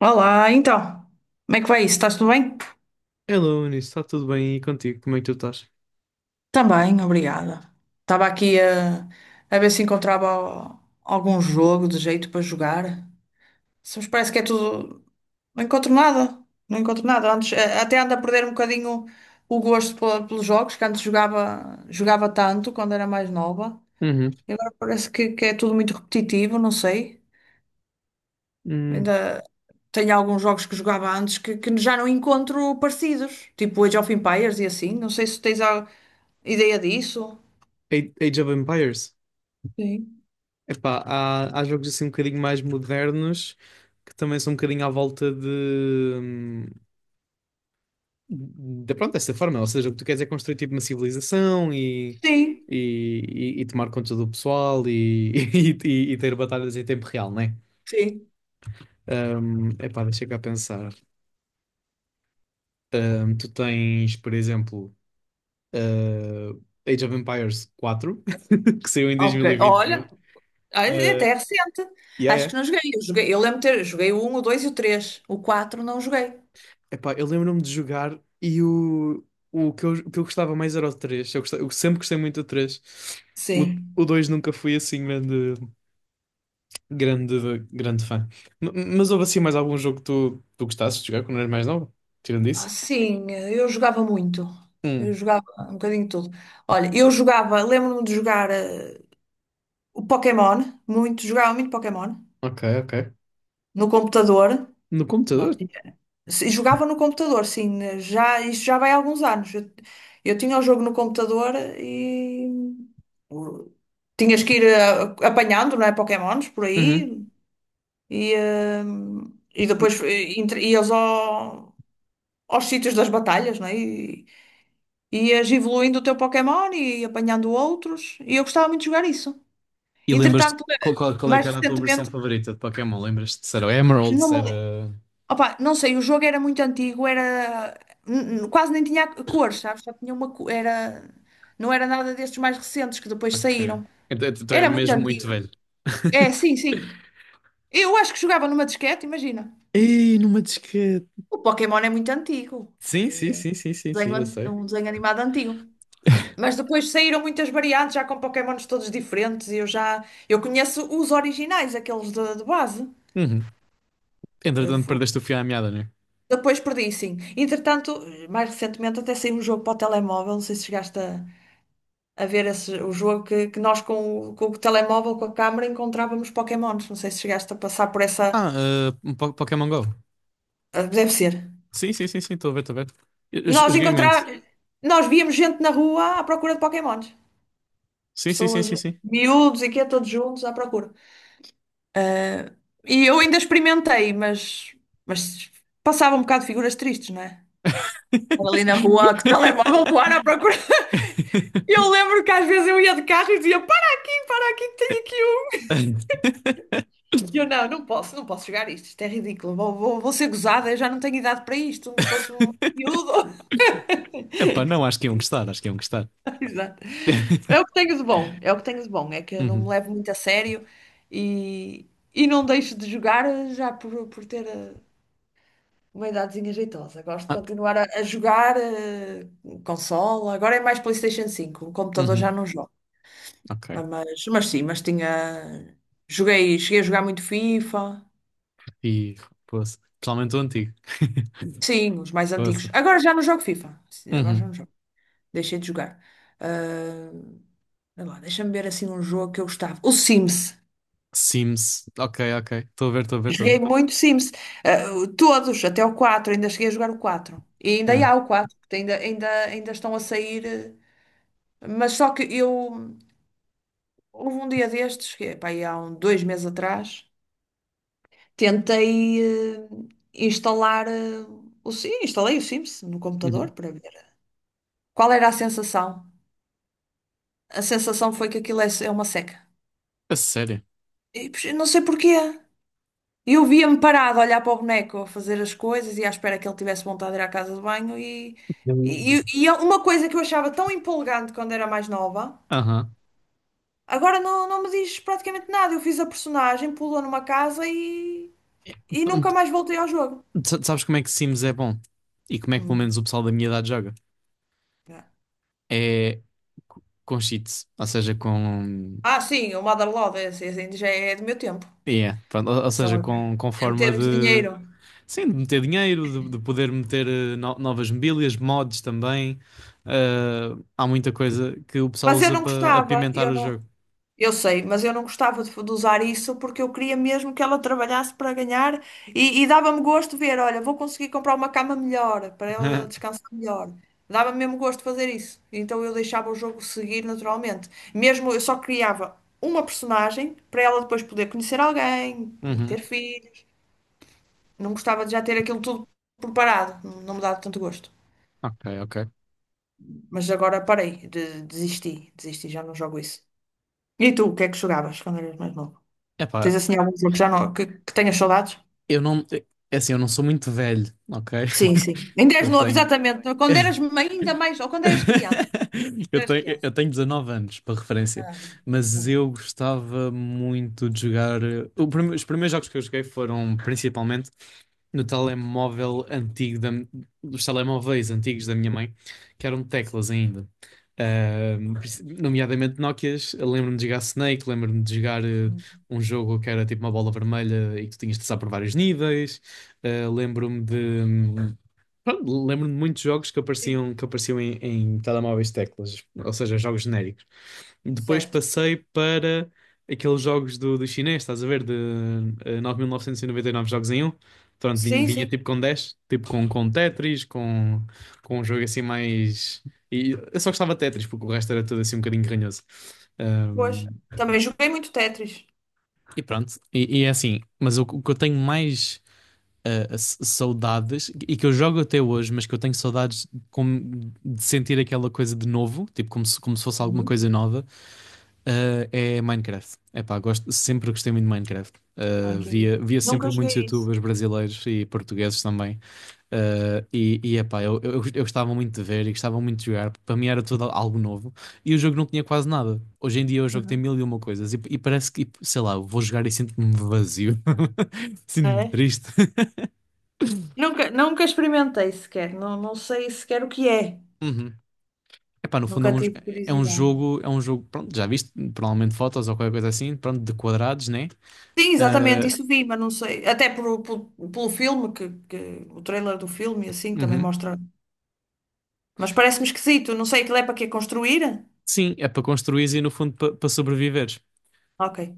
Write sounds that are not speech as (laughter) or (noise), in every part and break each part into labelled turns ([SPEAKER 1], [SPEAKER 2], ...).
[SPEAKER 1] Olá, então, como é que vai isso? Estás tudo bem?
[SPEAKER 2] Hello, Eunice, está tudo bem e contigo? Como é que tu estás?
[SPEAKER 1] Também, obrigada. Estava aqui a ver se encontrava algum jogo de jeito para jogar. Só me parece que é tudo. Não encontro nada. Não encontro nada. Antes, até ando a perder um bocadinho o gosto pelos jogos, que antes jogava tanto quando era mais nova.
[SPEAKER 2] Uhum.
[SPEAKER 1] E agora parece que é tudo muito repetitivo, não sei.
[SPEAKER 2] Hum,
[SPEAKER 1] Ainda tenho alguns jogos que jogava antes que já não encontro parecidos, tipo Age of Empires e assim. Não sei se tens algo. Ideia disso?
[SPEAKER 2] Age of Empires?
[SPEAKER 1] Sim,
[SPEAKER 2] Epá, há jogos assim um bocadinho mais modernos que também são um bocadinho à volta hum, de pronto, dessa forma. Ou seja, o que tu queres é construir tipo uma civilização
[SPEAKER 1] sim,
[SPEAKER 2] e, e tomar conta do pessoal (laughs) ter batalhas em tempo real, não é?
[SPEAKER 1] sim.
[SPEAKER 2] Epá, deixa cá pensar. Tu tens, por exemplo, eh, Age of Empires 4 (laughs) que saiu em dois
[SPEAKER 1] Ok.
[SPEAKER 2] mil e vinte e um.
[SPEAKER 1] Olha,
[SPEAKER 2] Eh,
[SPEAKER 1] até é recente.
[SPEAKER 2] yeah,
[SPEAKER 1] Acho que
[SPEAKER 2] yeah.
[SPEAKER 1] não joguei. Eu joguei, eu lembro de ter, joguei o um, o 2 e o três. O quatro não joguei.
[SPEAKER 2] Epá, eu lembro-me de jogar o que eu gostava mais era o três. Eu sempre gostei muito do três. O, o
[SPEAKER 1] Sim.
[SPEAKER 2] 2 nunca fui assim grande fã. Mas houve assim mais algum jogo que tu gostasses de jogar quando eras mais nova? Tirando
[SPEAKER 1] Ah,
[SPEAKER 2] isso?
[SPEAKER 1] sim, eu jogava muito. Eu
[SPEAKER 2] Hum,
[SPEAKER 1] jogava um bocadinho de tudo. Olha, eu jogava, lembro-me de jogar o Pokémon, muito, jogava muito Pokémon
[SPEAKER 2] ok, ok.
[SPEAKER 1] no computador.
[SPEAKER 2] No
[SPEAKER 1] Nós
[SPEAKER 2] computador?
[SPEAKER 1] Se- Jogava no computador, sim. Já, isto já vai há alguns anos. Eu tinha o jogo no computador e o- tinhas que ir apanhando, não é? Pokémons por
[SPEAKER 2] Uhum.
[SPEAKER 1] aí e, e depois ias aos sítios das batalhas, não é? E ias evoluindo o teu Pokémon e apanhando outros. E eu gostava muito de jogar isso.
[SPEAKER 2] E lembras-te
[SPEAKER 1] Entretanto,
[SPEAKER 2] qual é que
[SPEAKER 1] mais
[SPEAKER 2] era a tua versão
[SPEAKER 1] recentemente,
[SPEAKER 2] favorita de Pokémon? Lembras-te se era o Emerald, se
[SPEAKER 1] não
[SPEAKER 2] era...
[SPEAKER 1] me opa, não sei, o jogo era muito antigo, era quase nem tinha cores, sabes? Só tinha uma co- era não era nada destes mais recentes que depois
[SPEAKER 2] Ok.
[SPEAKER 1] saíram.
[SPEAKER 2] Então é
[SPEAKER 1] Era muito
[SPEAKER 2] mesmo muito
[SPEAKER 1] antigo.
[SPEAKER 2] velho.
[SPEAKER 1] É, sim, sim.
[SPEAKER 2] (laughs)
[SPEAKER 1] Eu acho que jogava numa disquete, imagina.
[SPEAKER 2] Ei, numa disquete.
[SPEAKER 1] O Pokémon é muito antigo.
[SPEAKER 2] Sim,
[SPEAKER 1] Já
[SPEAKER 2] sim,
[SPEAKER 1] é um
[SPEAKER 2] sim, sim, sim, sim, eu sei.
[SPEAKER 1] um desenho animado antigo. Mas depois saíram muitas variantes, já com Pokémons todos diferentes. Eu conheço os originais, aqueles de base.
[SPEAKER 2] Uhum.
[SPEAKER 1] Eu
[SPEAKER 2] Entretanto,
[SPEAKER 1] fu-
[SPEAKER 2] perdeste o fio à meada, né?
[SPEAKER 1] Depois perdi, sim. Entretanto, mais recentemente até saiu um jogo para o telemóvel, não sei se chegaste a ver esse, o jogo que nós com o telemóvel, com a câmara, encontrávamos Pokémons. Não sei se chegaste a passar por essa.
[SPEAKER 2] Um Pokémon Go.
[SPEAKER 1] Deve ser.
[SPEAKER 2] Sim, sim, sim, sim, estou a ver, estou a ver. Eu
[SPEAKER 1] Nós
[SPEAKER 2] joguei
[SPEAKER 1] encontrar,
[SPEAKER 2] muito.
[SPEAKER 1] Nós víamos gente na rua à procura de Pokémons.
[SPEAKER 2] Sim, sim, sim,
[SPEAKER 1] Pessoas,
[SPEAKER 2] sim, sim.
[SPEAKER 1] miúdos e quê, todos juntos à procura. Ah, e eu ainda experimentei, mas, mas passava um bocado de figuras tristes, não é? Ali na rua, que telemóvel voar à procura.
[SPEAKER 2] (laughs)
[SPEAKER 1] (laughs) Eu lembro que às vezes eu ia de carro e dizia: para aqui, para aqui, tenho aqui. E eu não posso, não posso jogar isto. Isto é ridículo. Vou ser gozada, eu já não tenho idade para isto. Se fosse um miúdo.
[SPEAKER 2] Epá,
[SPEAKER 1] (laughs)
[SPEAKER 2] não, acho que iam gostar, acho que iam gostar.
[SPEAKER 1] Exato. É o
[SPEAKER 2] (laughs)
[SPEAKER 1] que tenho de bom, é o que tenho de bom. É que eu não me
[SPEAKER 2] Uhum.
[SPEAKER 1] levo muito a sério e, e não deixo de jogar já por ter uma idadezinha jeitosa. Gosto de
[SPEAKER 2] Ah,
[SPEAKER 1] continuar a jogar consola. Agora é mais PlayStation 5. O computador já
[SPEAKER 2] uhum.
[SPEAKER 1] não jogo.
[SPEAKER 2] Ok.
[SPEAKER 1] Ah, mas sim, mas tinha. Joguei, cheguei a jogar muito FIFA.
[SPEAKER 2] E, poça. Principalmente o antigo. (laughs)
[SPEAKER 1] Sim, os mais
[SPEAKER 2] Poça.
[SPEAKER 1] antigos. Agora já não jogo FIFA. Sim, agora já
[SPEAKER 2] Uhum.
[SPEAKER 1] não jogo. Deixei de jogar. Ah, sei lá, deixa-me ver assim um jogo que eu gostava. O Sims.
[SPEAKER 2] Sims. Ok, ok. Estou a ver, estou a ver, estou a ver.
[SPEAKER 1] Joguei muito Sims. Ah, todos, até o quatro. Ainda cheguei a jogar o 4. E ainda
[SPEAKER 2] Hum.
[SPEAKER 1] há o 4, porque ainda estão a sair. Mas só que eu. Houve um dia destes, que, é, pá, aí há um, dois meses atrás, tentei instalar. Sim, instalei o Sims no computador
[SPEAKER 2] Uhum.
[SPEAKER 1] para ver. Qual era a sensação? A sensação foi que aquilo é uma seca.
[SPEAKER 2] A sério.
[SPEAKER 1] E, pois, eu não sei porquê. E eu via-me parado a olhar para o boneco, a fazer as coisas e à espera que ele tivesse vontade de ir à casa de banho. E,
[SPEAKER 2] Eu-
[SPEAKER 1] e é uma coisa que eu achava tão empolgante quando era mais nova,
[SPEAKER 2] Aham.
[SPEAKER 1] agora não, me diz praticamente nada. Eu fiz a personagem, pulou numa casa e,
[SPEAKER 2] Então,
[SPEAKER 1] nunca
[SPEAKER 2] tu-
[SPEAKER 1] mais voltei ao jogo.
[SPEAKER 2] tu sabes como é que Sims é bom? E como é que pelo
[SPEAKER 1] Hum.
[SPEAKER 2] menos o pessoal da minha idade joga? É com cheats. Ou seja, com...
[SPEAKER 1] Ah, sim, o Motherlode, esse ainda já é do meu tempo.
[SPEAKER 2] Yeah, pronto. Ou
[SPEAKER 1] Só
[SPEAKER 2] seja,
[SPEAKER 1] a
[SPEAKER 2] com
[SPEAKER 1] meter
[SPEAKER 2] forma
[SPEAKER 1] muito
[SPEAKER 2] de...
[SPEAKER 1] dinheiro.
[SPEAKER 2] Sim, de meter dinheiro, de poder meter novas mobílias, mods também. Ah, há muita coisa que o pessoal
[SPEAKER 1] Mas eu
[SPEAKER 2] usa
[SPEAKER 1] não
[SPEAKER 2] para
[SPEAKER 1] gostava,
[SPEAKER 2] apimentar o jogo.
[SPEAKER 1] eu sei, mas eu não gostava de usar isso porque eu queria mesmo que ela trabalhasse para ganhar e dava-me gosto ver, olha, vou conseguir comprar uma cama melhor para ela
[SPEAKER 2] (laughs)
[SPEAKER 1] descansar melhor. Dava-me mesmo gosto de fazer isso. Então eu deixava o jogo seguir naturalmente. Mesmo eu só criava uma personagem para ela depois poder conhecer alguém,
[SPEAKER 2] Uhum.
[SPEAKER 1] ter filhos. Não gostava de já ter aquilo tudo preparado, não me dava tanto gosto.
[SPEAKER 2] Ok, ok.
[SPEAKER 1] Mas agora parei, desisti, desisti, já não jogo isso. E tu, o que é que jogavas quando eras mais novo? Tens
[SPEAKER 2] Epá,
[SPEAKER 1] assim algum jogo que já não, que tenhas saudades?
[SPEAKER 2] eu não. É assim, eu não sou muito velho, ok?
[SPEAKER 1] Sim, sim.
[SPEAKER 2] (laughs)
[SPEAKER 1] Ainda és
[SPEAKER 2] Eu
[SPEAKER 1] novo,
[SPEAKER 2] tenho...
[SPEAKER 1] exatamente. Quando eras
[SPEAKER 2] (laughs)
[SPEAKER 1] ainda mais, ou quando
[SPEAKER 2] (laughs)
[SPEAKER 1] eras criança. Quando
[SPEAKER 2] Eu
[SPEAKER 1] eras
[SPEAKER 2] tenho,
[SPEAKER 1] criança.
[SPEAKER 2] eu tenho 19 anos, para referência,
[SPEAKER 1] Ah, não.
[SPEAKER 2] mas
[SPEAKER 1] Não é.
[SPEAKER 2] eu gostava muito de jogar. O os primeiros jogos que eu joguei foram principalmente no telemóvel dos telemóveis antigos da minha mãe, que eram teclas ainda. Nomeadamente Nokias, eu lembro-me de jogar Snake, lembro-me de jogar
[SPEAKER 1] Hum.
[SPEAKER 2] um jogo que era tipo uma bola vermelha e que tu tinhas de passar por vários níveis. Ah, lembro-me de, pronto, lembro-me de muitos jogos que
[SPEAKER 1] Sim,
[SPEAKER 2] apareciam em, em telemóveis de teclas, ou seja, jogos genéricos. Depois
[SPEAKER 1] certo.
[SPEAKER 2] passei para aqueles jogos do chinês, estás a ver, de 9.999 jogos em um. Pronto,
[SPEAKER 1] Sim,
[SPEAKER 2] vinha
[SPEAKER 1] sim,
[SPEAKER 2] tipo com dez, tipo com Tetris, com um jogo assim mais... E eu só gostava de Tetris, porque o resto era tudo assim um bocadinho ranhoso.
[SPEAKER 1] pois.
[SPEAKER 2] Ahm,
[SPEAKER 1] Também joguei muito Tetris.
[SPEAKER 2] e pronto, e é assim, mas o que eu tenho mais saudades e que eu jogo até hoje, mas que eu tenho saudades como de sentir aquela coisa de novo, tipo como se fosse alguma
[SPEAKER 1] Uhum.
[SPEAKER 2] coisa nova, é Minecraft. Epá, gosto, sempre gostei muito de Minecraft.
[SPEAKER 1] Ah, que engraçado.
[SPEAKER 2] Via sempre
[SPEAKER 1] Nunca
[SPEAKER 2] muitos
[SPEAKER 1] joguei isso.
[SPEAKER 2] YouTubers brasileiros e portugueses também. E epá, eu gostava muito de ver e gostava muito de jogar, porque para mim era tudo algo novo. E o jogo não tinha quase nada. Hoje em dia o jogo tem
[SPEAKER 1] Uhum.
[SPEAKER 2] mil e uma coisas e parece que, sei lá, eu vou jogar e sinto-me vazio, (laughs) sinto-me
[SPEAKER 1] É?
[SPEAKER 2] triste. (laughs)
[SPEAKER 1] Nunca, nunca experimentei sequer. Não, não sei sequer o que é.
[SPEAKER 2] Uhum. Epá, no fundo
[SPEAKER 1] Nunca tive curiosidade.
[SPEAKER 2] é um jogo, pronto, já viste, provavelmente fotos ou qualquer coisa assim, pronto, de quadrados, né?
[SPEAKER 1] Sim, exatamente,
[SPEAKER 2] Ah,
[SPEAKER 1] isso vi, mas não sei. Até pelo filme, o trailer do filme, e assim, também
[SPEAKER 2] uhum.
[SPEAKER 1] mostra. Mas parece-me esquisito. Não sei, aquilo é para quê? Construir?
[SPEAKER 2] Sim, é para construir e no fundo para para sobreviveres.
[SPEAKER 1] Ok.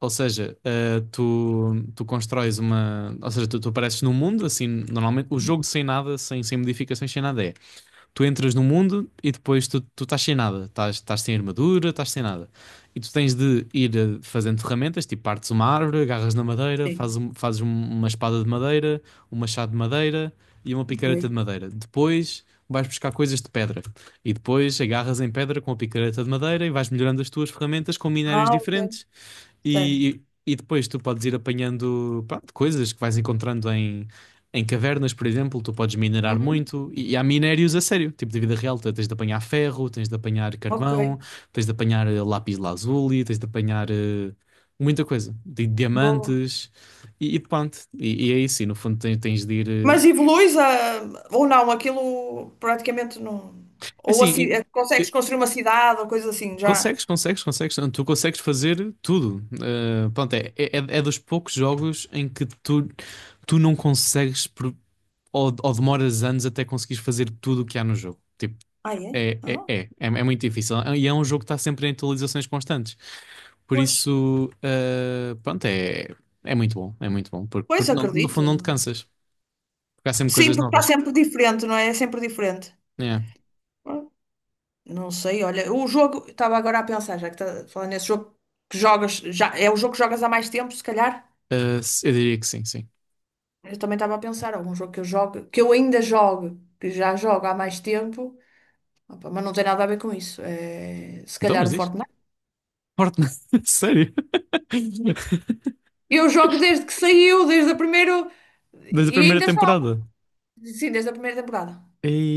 [SPEAKER 2] Ou seja, ah, tu constróis uma, ou seja, tu apareces num mundo, assim, normalmente o
[SPEAKER 1] Uhum.
[SPEAKER 2] jogo sem nada, sem, sem modificações, sem nada é tu entras no mundo e depois tu estás sem nada, estás, estás sem armadura, estás sem nada. E tu tens de ir fazendo ferramentas, tipo partes uma árvore, agarras na madeira,
[SPEAKER 1] Sim.
[SPEAKER 2] uma espada de madeira, um machado de madeira e uma
[SPEAKER 1] Ok.
[SPEAKER 2] picareta de madeira. Depois vais buscar coisas de pedra e depois agarras em pedra com a picareta de madeira e vais melhorando as tuas ferramentas com minérios
[SPEAKER 1] Ah, ok.
[SPEAKER 2] diferentes
[SPEAKER 1] Certo.
[SPEAKER 2] e depois tu podes ir apanhando, pronto, coisas que vais encontrando em cavernas, por exemplo. Tu podes minerar
[SPEAKER 1] Uhum.
[SPEAKER 2] muito. E há minérios a sério, tipo de vida real. Tu tens de apanhar ferro, tens de apanhar
[SPEAKER 1] Ok.
[SPEAKER 2] carvão, tens de apanhar lápis lazuli, tens de apanhar muita coisa.
[SPEAKER 1] Boa.
[SPEAKER 2] Diamantes e pronto. E é isso. E no fundo tens, tens de ir.
[SPEAKER 1] Mas evoluís ou não? Aquilo praticamente não. Ou
[SPEAKER 2] Assim,
[SPEAKER 1] consegues
[SPEAKER 2] e-
[SPEAKER 1] construir uma cidade ou coisa assim, já.
[SPEAKER 2] consegues, consegues, consegues. Tu consegues fazer tudo. Pronto, é, é, é dos poucos jogos em que tu não consegues por- ou demoras anos até conseguires fazer tudo o que há no jogo. Tipo,
[SPEAKER 1] Ah, é?
[SPEAKER 2] é, é,
[SPEAKER 1] Ah,
[SPEAKER 2] é, é, é muito difícil. E é um jogo que está sempre em atualizações constantes. Por
[SPEAKER 1] pois.
[SPEAKER 2] isso, pronto, é muito bom. É muito bom. Porque,
[SPEAKER 1] Pois,
[SPEAKER 2] no
[SPEAKER 1] acredito.
[SPEAKER 2] fundo não te cansas. Porque há sempre
[SPEAKER 1] Sim,
[SPEAKER 2] coisas
[SPEAKER 1] porque está
[SPEAKER 2] novas.
[SPEAKER 1] sempre diferente, não é? É sempre diferente.
[SPEAKER 2] É.
[SPEAKER 1] Ah, não sei, olha, o jogo, estava agora a pensar, já que está falando nesse jogo que jogas, já é o jogo que jogas há mais tempo, se calhar.
[SPEAKER 2] Eu diria que sim, sim.
[SPEAKER 1] Eu também estava a pensar, algum jogo, que eu ainda jogo, que já jogo há mais tempo, opa, mas não tem nada a ver com isso. É, se
[SPEAKER 2] Então,
[SPEAKER 1] calhar
[SPEAKER 2] mas
[SPEAKER 1] o
[SPEAKER 2] diz.
[SPEAKER 1] Fortnite.
[SPEAKER 2] Fortnite. (laughs) Sério? (laughs)
[SPEAKER 1] Eu jogo desde que saiu, desde a primeira.
[SPEAKER 2] Desde a
[SPEAKER 1] E
[SPEAKER 2] primeira
[SPEAKER 1] ainda
[SPEAKER 2] temporada.
[SPEAKER 1] jogo. Sim, desde a primeira temporada.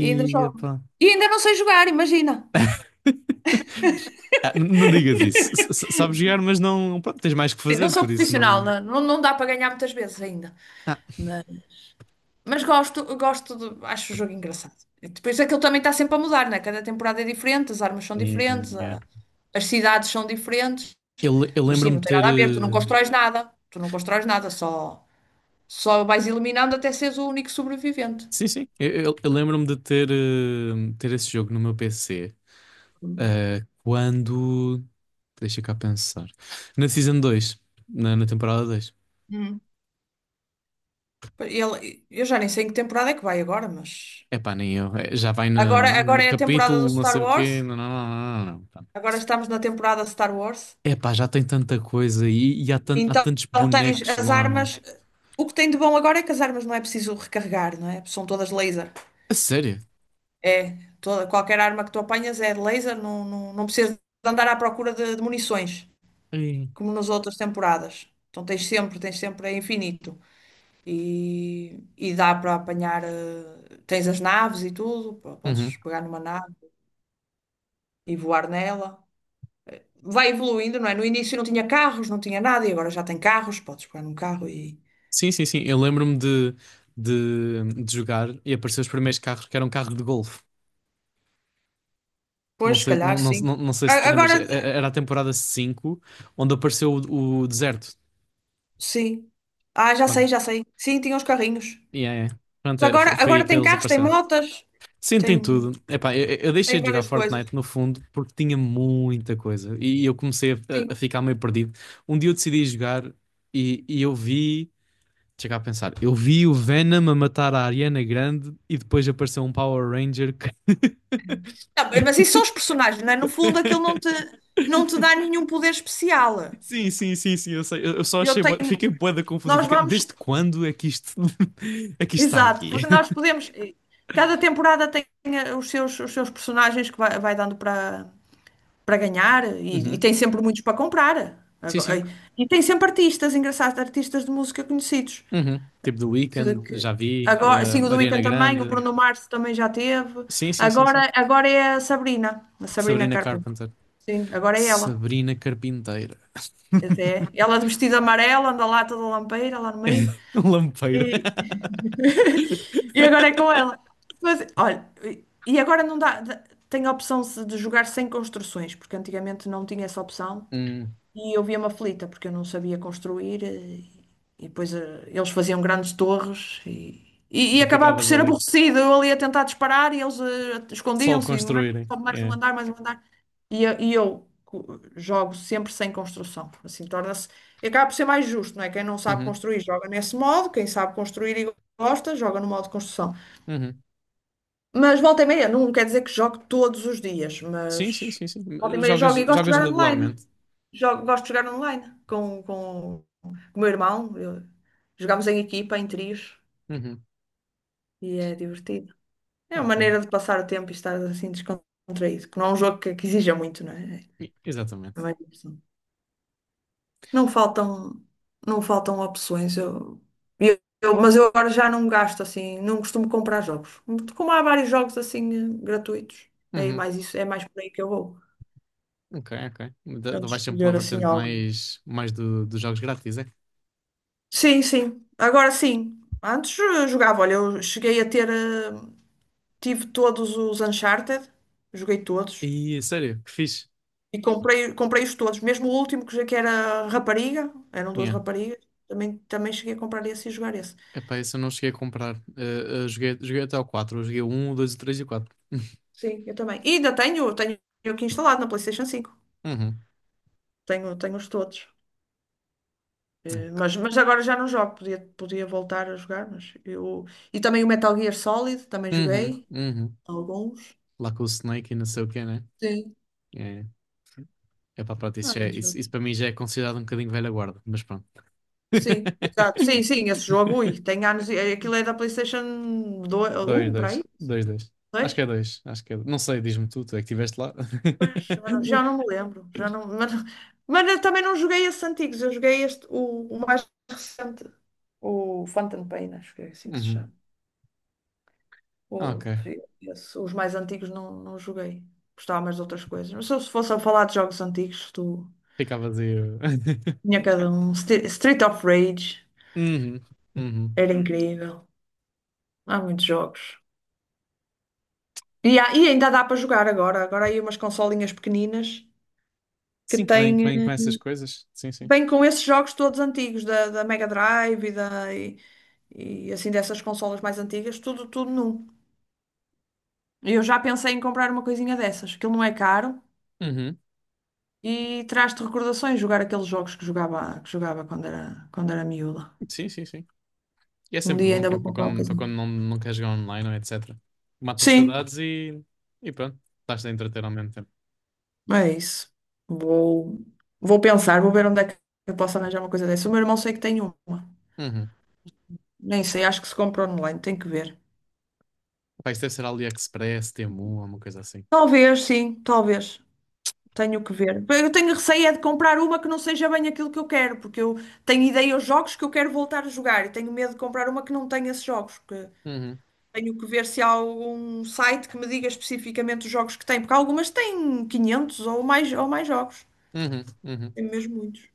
[SPEAKER 1] E ainda jogo.
[SPEAKER 2] epá.
[SPEAKER 1] E ainda não sei jogar, imagina.
[SPEAKER 2] (laughs) Ah, não digas isso.
[SPEAKER 1] (laughs)
[SPEAKER 2] Sabes jogar, mas não. Pronto, tens mais que
[SPEAKER 1] Sim, não
[SPEAKER 2] fazer,
[SPEAKER 1] sou
[SPEAKER 2] por isso
[SPEAKER 1] profissional,
[SPEAKER 2] não.
[SPEAKER 1] não, não, não dá para ganhar muitas vezes ainda.
[SPEAKER 2] Ah,
[SPEAKER 1] Mas, gosto, gosto de, acho o jogo engraçado. E depois é que ele também está sempre a mudar, né? Cada temporada é diferente, as armas são
[SPEAKER 2] yeah,
[SPEAKER 1] diferentes,
[SPEAKER 2] yeah.
[SPEAKER 1] as cidades são diferentes.
[SPEAKER 2] Eu
[SPEAKER 1] Mas sim,
[SPEAKER 2] lembro-me
[SPEAKER 1] não
[SPEAKER 2] de
[SPEAKER 1] tem
[SPEAKER 2] ter,
[SPEAKER 1] nada a ver, tu não constróis nada, tu não constróis nada, só, vais eliminando até seres o único sobrevivente.
[SPEAKER 2] sim, sim. Eu lembro-me de ter, ter esse jogo no meu PC, quando... Deixa cá pensar. Na Season 2, Na, na temporada 2.
[SPEAKER 1] Hum. Eu já nem sei em que temporada é que vai agora, mas
[SPEAKER 2] Epá, nem eu. É, já vai no,
[SPEAKER 1] agora
[SPEAKER 2] no
[SPEAKER 1] é a temporada do
[SPEAKER 2] capítulo, não
[SPEAKER 1] Star
[SPEAKER 2] sei o quê.
[SPEAKER 1] Wars,
[SPEAKER 2] Não.
[SPEAKER 1] agora estamos na temporada Star Wars,
[SPEAKER 2] Epá, já tem tanta coisa e há, há
[SPEAKER 1] então
[SPEAKER 2] tantos
[SPEAKER 1] tens
[SPEAKER 2] bonecos
[SPEAKER 1] as
[SPEAKER 2] lá, meu.
[SPEAKER 1] armas. O que tem de bom agora é que as armas não é preciso recarregar, não é? São todas laser.
[SPEAKER 2] A sério?
[SPEAKER 1] É, toda, qualquer arma que tu apanhas é de laser, não, não precisas de andar à procura de munições.
[SPEAKER 2] Ei.
[SPEAKER 1] Como nas outras temporadas. Então tens sempre, é infinito. E dá para apanhar, tens as naves e tudo,
[SPEAKER 2] Uhum.
[SPEAKER 1] podes pegar numa nave e voar nela. Vai evoluindo, não é? No início não tinha carros, não tinha nada, e agora já tem carros, podes pegar num carro e.
[SPEAKER 2] Sim, sim, sim. Eu lembro-me de jogar e apareceu os primeiros carros que eram carros de golfe. Não
[SPEAKER 1] Pois, se
[SPEAKER 2] sei,
[SPEAKER 1] calhar, sim.
[SPEAKER 2] não sei se te lembras.
[SPEAKER 1] Agora,
[SPEAKER 2] Era a temporada 5 onde apareceu o deserto.
[SPEAKER 1] sim. Ah, já sei,
[SPEAKER 2] Pronto,
[SPEAKER 1] já sei. Sim, tinha os carrinhos.
[SPEAKER 2] yeah, yeah.
[SPEAKER 1] Mas
[SPEAKER 2] Pronto, é,
[SPEAKER 1] agora,
[SPEAKER 2] foi aí
[SPEAKER 1] agora
[SPEAKER 2] que
[SPEAKER 1] tem
[SPEAKER 2] eles
[SPEAKER 1] carros, tem
[SPEAKER 2] apareceram.
[SPEAKER 1] motas,
[SPEAKER 2] Sim, tem
[SPEAKER 1] tem,
[SPEAKER 2] tudo. Epá, eu deixei
[SPEAKER 1] tem
[SPEAKER 2] de jogar
[SPEAKER 1] várias coisas.
[SPEAKER 2] Fortnite no fundo porque tinha muita coisa e eu comecei
[SPEAKER 1] Sim.
[SPEAKER 2] a ficar meio perdido. Um dia eu decidi jogar e eu vi. Chega a pensar, eu vi o Venom a matar a Ariana Grande e depois apareceu um Power Ranger que...
[SPEAKER 1] Não, mas isso são os personagens, não é? No fundo, aquilo não te,
[SPEAKER 2] (laughs)
[SPEAKER 1] dá nenhum poder especial.
[SPEAKER 2] Sim, sim, sim, sim, eu sei. Eu só
[SPEAKER 1] Eu
[SPEAKER 2] achei,
[SPEAKER 1] tenho.
[SPEAKER 2] fiquei bué da confusão.
[SPEAKER 1] Nós
[SPEAKER 2] Fiquei...
[SPEAKER 1] vamos.
[SPEAKER 2] Desde quando é que isto (laughs) é que isto está
[SPEAKER 1] Exato,
[SPEAKER 2] aqui?
[SPEAKER 1] porque nós
[SPEAKER 2] (laughs)
[SPEAKER 1] podemos. Cada temporada tem os seus, personagens que vai dando para ganhar e
[SPEAKER 2] Uhum.
[SPEAKER 1] tem sempre muitos para comprar.
[SPEAKER 2] Sim,
[SPEAKER 1] Agora-
[SPEAKER 2] sim.
[SPEAKER 1] e tem sempre artistas, engraçados, artistas de música conhecidos.
[SPEAKER 2] Uhum. Tipo The
[SPEAKER 1] Que-
[SPEAKER 2] Weeknd,
[SPEAKER 1] que-
[SPEAKER 2] já vi.
[SPEAKER 1] Agora, sim, o The
[SPEAKER 2] Ariana
[SPEAKER 1] Weeknd também, o
[SPEAKER 2] Grande.
[SPEAKER 1] Bruno Mars também já teve.
[SPEAKER 2] Sim, sim, sim,
[SPEAKER 1] Agora,
[SPEAKER 2] sim.
[SPEAKER 1] agora é a Sabrina
[SPEAKER 2] Sabrina
[SPEAKER 1] Carpenter.
[SPEAKER 2] Carpenter.
[SPEAKER 1] Sim, agora é ela.
[SPEAKER 2] Sabrina Carpinteira.
[SPEAKER 1] Até. Ela
[SPEAKER 2] (laughs)
[SPEAKER 1] de vestido amarelo, anda lá toda lampeira, lá no meio.
[SPEAKER 2] Lampeira.
[SPEAKER 1] E, (laughs) agora é com ela.
[SPEAKER 2] (laughs)
[SPEAKER 1] Mas, olha, e agora não dá. Tem a opção de jogar sem construções, porque antigamente não tinha essa opção.
[SPEAKER 2] Hum,
[SPEAKER 1] E eu via-me aflita porque eu não sabia construir e, depois eles faziam grandes torres e
[SPEAKER 2] tu
[SPEAKER 1] acabava por
[SPEAKER 2] ficavas
[SPEAKER 1] ser
[SPEAKER 2] ali.
[SPEAKER 1] aborrecido. Eu ali a tentar disparar e eles
[SPEAKER 2] Só
[SPEAKER 1] escondiam-se e mais,
[SPEAKER 2] construírem.
[SPEAKER 1] sobe mais um
[SPEAKER 2] É.
[SPEAKER 1] andar, mais um andar. Jogo sempre sem construção. Assim torna-se. E acaba por ser mais justo, não é? Quem não sabe
[SPEAKER 2] Uhum,
[SPEAKER 1] construir joga nesse modo, quem sabe construir e gosta joga no modo de construção.
[SPEAKER 2] uhum.
[SPEAKER 1] Mas volta e meia, não quer dizer que jogo todos os dias,
[SPEAKER 2] Sim, sim,
[SPEAKER 1] mas
[SPEAKER 2] sim,
[SPEAKER 1] volta e
[SPEAKER 2] sim.
[SPEAKER 1] meia
[SPEAKER 2] Jogas,
[SPEAKER 1] jogo e gosto de
[SPEAKER 2] jogas
[SPEAKER 1] jogar online.
[SPEAKER 2] regularmente.
[SPEAKER 1] Jogo, gosto de jogar online com o meu irmão. Jogamos em equipa, em trios,
[SPEAKER 2] Uhum,
[SPEAKER 1] e é divertido. É uma
[SPEAKER 2] ok.
[SPEAKER 1] maneira de passar o tempo e estar assim descontraído, que não é um jogo que exija muito, não é? É
[SPEAKER 2] Exatamente.
[SPEAKER 1] mais diversão. Não faltam, não faltam opções. Mas eu agora já não gasto assim, não costumo comprar jogos. Como há vários jogos assim gratuitos, é
[SPEAKER 2] Uhum,
[SPEAKER 1] mais isso, é mais por aí que eu vou.
[SPEAKER 2] ok, ok.
[SPEAKER 1] Eu de
[SPEAKER 2] Vais sempre pela
[SPEAKER 1] escolher assim
[SPEAKER 2] vertente
[SPEAKER 1] algo.
[SPEAKER 2] mais, mais dos jogos grátis, é?
[SPEAKER 1] Sim, sim. Agora sim. Antes jogava, olha, eu cheguei a ter. Tive todos os Uncharted, joguei todos.
[SPEAKER 2] E sério, que fixe.
[SPEAKER 1] E comprei-os todos, mesmo o último que era rapariga, eram duas
[SPEAKER 2] Yeah.
[SPEAKER 1] raparigas, também, cheguei a comprar esse e jogar esse.
[SPEAKER 2] Epá, esse eu não cheguei a comprar. Joguei, joguei até o quatro. Eu joguei o 1, o 2, o 3 e o 4. (laughs)
[SPEAKER 1] Sim, eu também. E ainda tenho aqui instalado na PlayStation 5.
[SPEAKER 2] Uhum,
[SPEAKER 1] Tenho, tenho-os todos. Eh, Mas,
[SPEAKER 2] ok.
[SPEAKER 1] mas agora já não jogo, podia voltar a jogar, mas eu. E também o Metal Gear Solid, também
[SPEAKER 2] Uhum,
[SPEAKER 1] joguei
[SPEAKER 2] uhum.
[SPEAKER 1] alguns.
[SPEAKER 2] Lá com o Snake e não sei o quê, né?
[SPEAKER 1] Sim.
[SPEAKER 2] É, epá, pronto,
[SPEAKER 1] Não há
[SPEAKER 2] isso
[SPEAKER 1] muitos.
[SPEAKER 2] para mim já é considerado um bocadinho velha guarda, mas pronto.
[SPEAKER 1] Sim, exato. Sim,
[SPEAKER 2] (laughs)
[SPEAKER 1] sim, esse jogo, ui, tem anos. Aquilo é da PlayStation dois,
[SPEAKER 2] Dois,
[SPEAKER 1] um para aí?
[SPEAKER 2] dois. Dois, dois. Acho que
[SPEAKER 1] 2?
[SPEAKER 2] é dois. Acho que é... Não sei, diz-me tu, tu é que estiveste lá.
[SPEAKER 1] Pois,
[SPEAKER 2] (laughs)
[SPEAKER 1] já não, me lembro. Já não, mas, eu também não joguei esses antigos, eu joguei este, o mais recente, o Phantom Pain, acho que é assim que se
[SPEAKER 2] Uhum.
[SPEAKER 1] chama. O,
[SPEAKER 2] Ok.
[SPEAKER 1] Esse, os mais antigos não, joguei. Gostava mais de outras coisas. Mas se eu fosse a falar de jogos antigos, tu
[SPEAKER 2] Ficava vazio. (laughs)
[SPEAKER 1] tinha cada um. Street of Rage
[SPEAKER 2] Uhum. Uhum.
[SPEAKER 1] era incrível. Há muitos jogos. E, e ainda dá para jogar agora. Agora há aí umas consolinhas pequeninas que
[SPEAKER 2] Sim, que vem com essas coisas. Sim, sim.
[SPEAKER 1] vêm com esses jogos todos antigos, da Mega Drive e assim dessas consolas mais antigas, tudo, num. E eu já pensei em comprar uma coisinha dessas, que ele não é caro
[SPEAKER 2] Uhum.
[SPEAKER 1] e traz-te recordações jogar aqueles jogos que jogava quando era miúda.
[SPEAKER 2] Sim, sim, sim. E é
[SPEAKER 1] Um
[SPEAKER 2] sempre
[SPEAKER 1] dia
[SPEAKER 2] bom
[SPEAKER 1] ainda
[SPEAKER 2] para,
[SPEAKER 1] vou comprar uma
[SPEAKER 2] para
[SPEAKER 1] coisinha.
[SPEAKER 2] quando não, não queres jogar online ou etc. Matas
[SPEAKER 1] Sim,
[SPEAKER 2] saudades e pronto. Estás a entreter ao mesmo tempo.
[SPEAKER 1] é isso. Vou, Vou pensar, vou ver onde é que eu posso arranjar uma coisa dessa. O meu irmão sei que tem uma.
[SPEAKER 2] Uhum.
[SPEAKER 1] Nem sei, acho que se compra online, tem que ver.
[SPEAKER 2] Pá, isso deve ser AliExpress, Temu, alguma coisa assim.
[SPEAKER 1] Talvez, sim, talvez. Tenho que ver. Eu tenho receio é de comprar uma que não seja bem aquilo que eu quero, porque eu tenho ideia aos jogos que eu quero voltar a jogar e tenho medo de comprar uma que não tenha esses jogos. Que
[SPEAKER 2] Uhum.
[SPEAKER 1] tenho que ver se há algum site que me diga especificamente os jogos que tem, porque algumas têm 500 ou mais jogos.
[SPEAKER 2] Uhum. Uhum.
[SPEAKER 1] Tem mesmo muitos.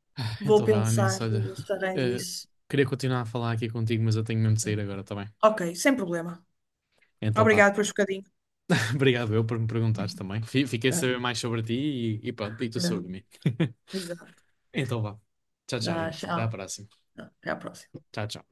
[SPEAKER 2] (laughs) Ah,
[SPEAKER 1] Vou
[SPEAKER 2] então vá, Anis,
[SPEAKER 1] pensar,
[SPEAKER 2] olha,
[SPEAKER 1] vou ver se arranjo
[SPEAKER 2] eh,
[SPEAKER 1] isso.
[SPEAKER 2] queria continuar a falar aqui contigo, mas eu tenho mesmo de
[SPEAKER 1] Sim.
[SPEAKER 2] sair agora, tá bem?
[SPEAKER 1] Ok, sem problema.
[SPEAKER 2] Então vá.
[SPEAKER 1] Obrigado por um bocadinho.
[SPEAKER 2] (laughs) Obrigado eu por me perguntares também. Fiquei a
[SPEAKER 1] Ah,
[SPEAKER 2] saber mais sobre ti e pronto, e tu
[SPEAKER 1] é,
[SPEAKER 2] sobre mim. (laughs)
[SPEAKER 1] exato.
[SPEAKER 2] Então vá. Tchau, tchau,
[SPEAKER 1] Ah,
[SPEAKER 2] Inês. Até à
[SPEAKER 1] tchau.
[SPEAKER 2] próxima.
[SPEAKER 1] Até à próxima.
[SPEAKER 2] Tchau, tchau.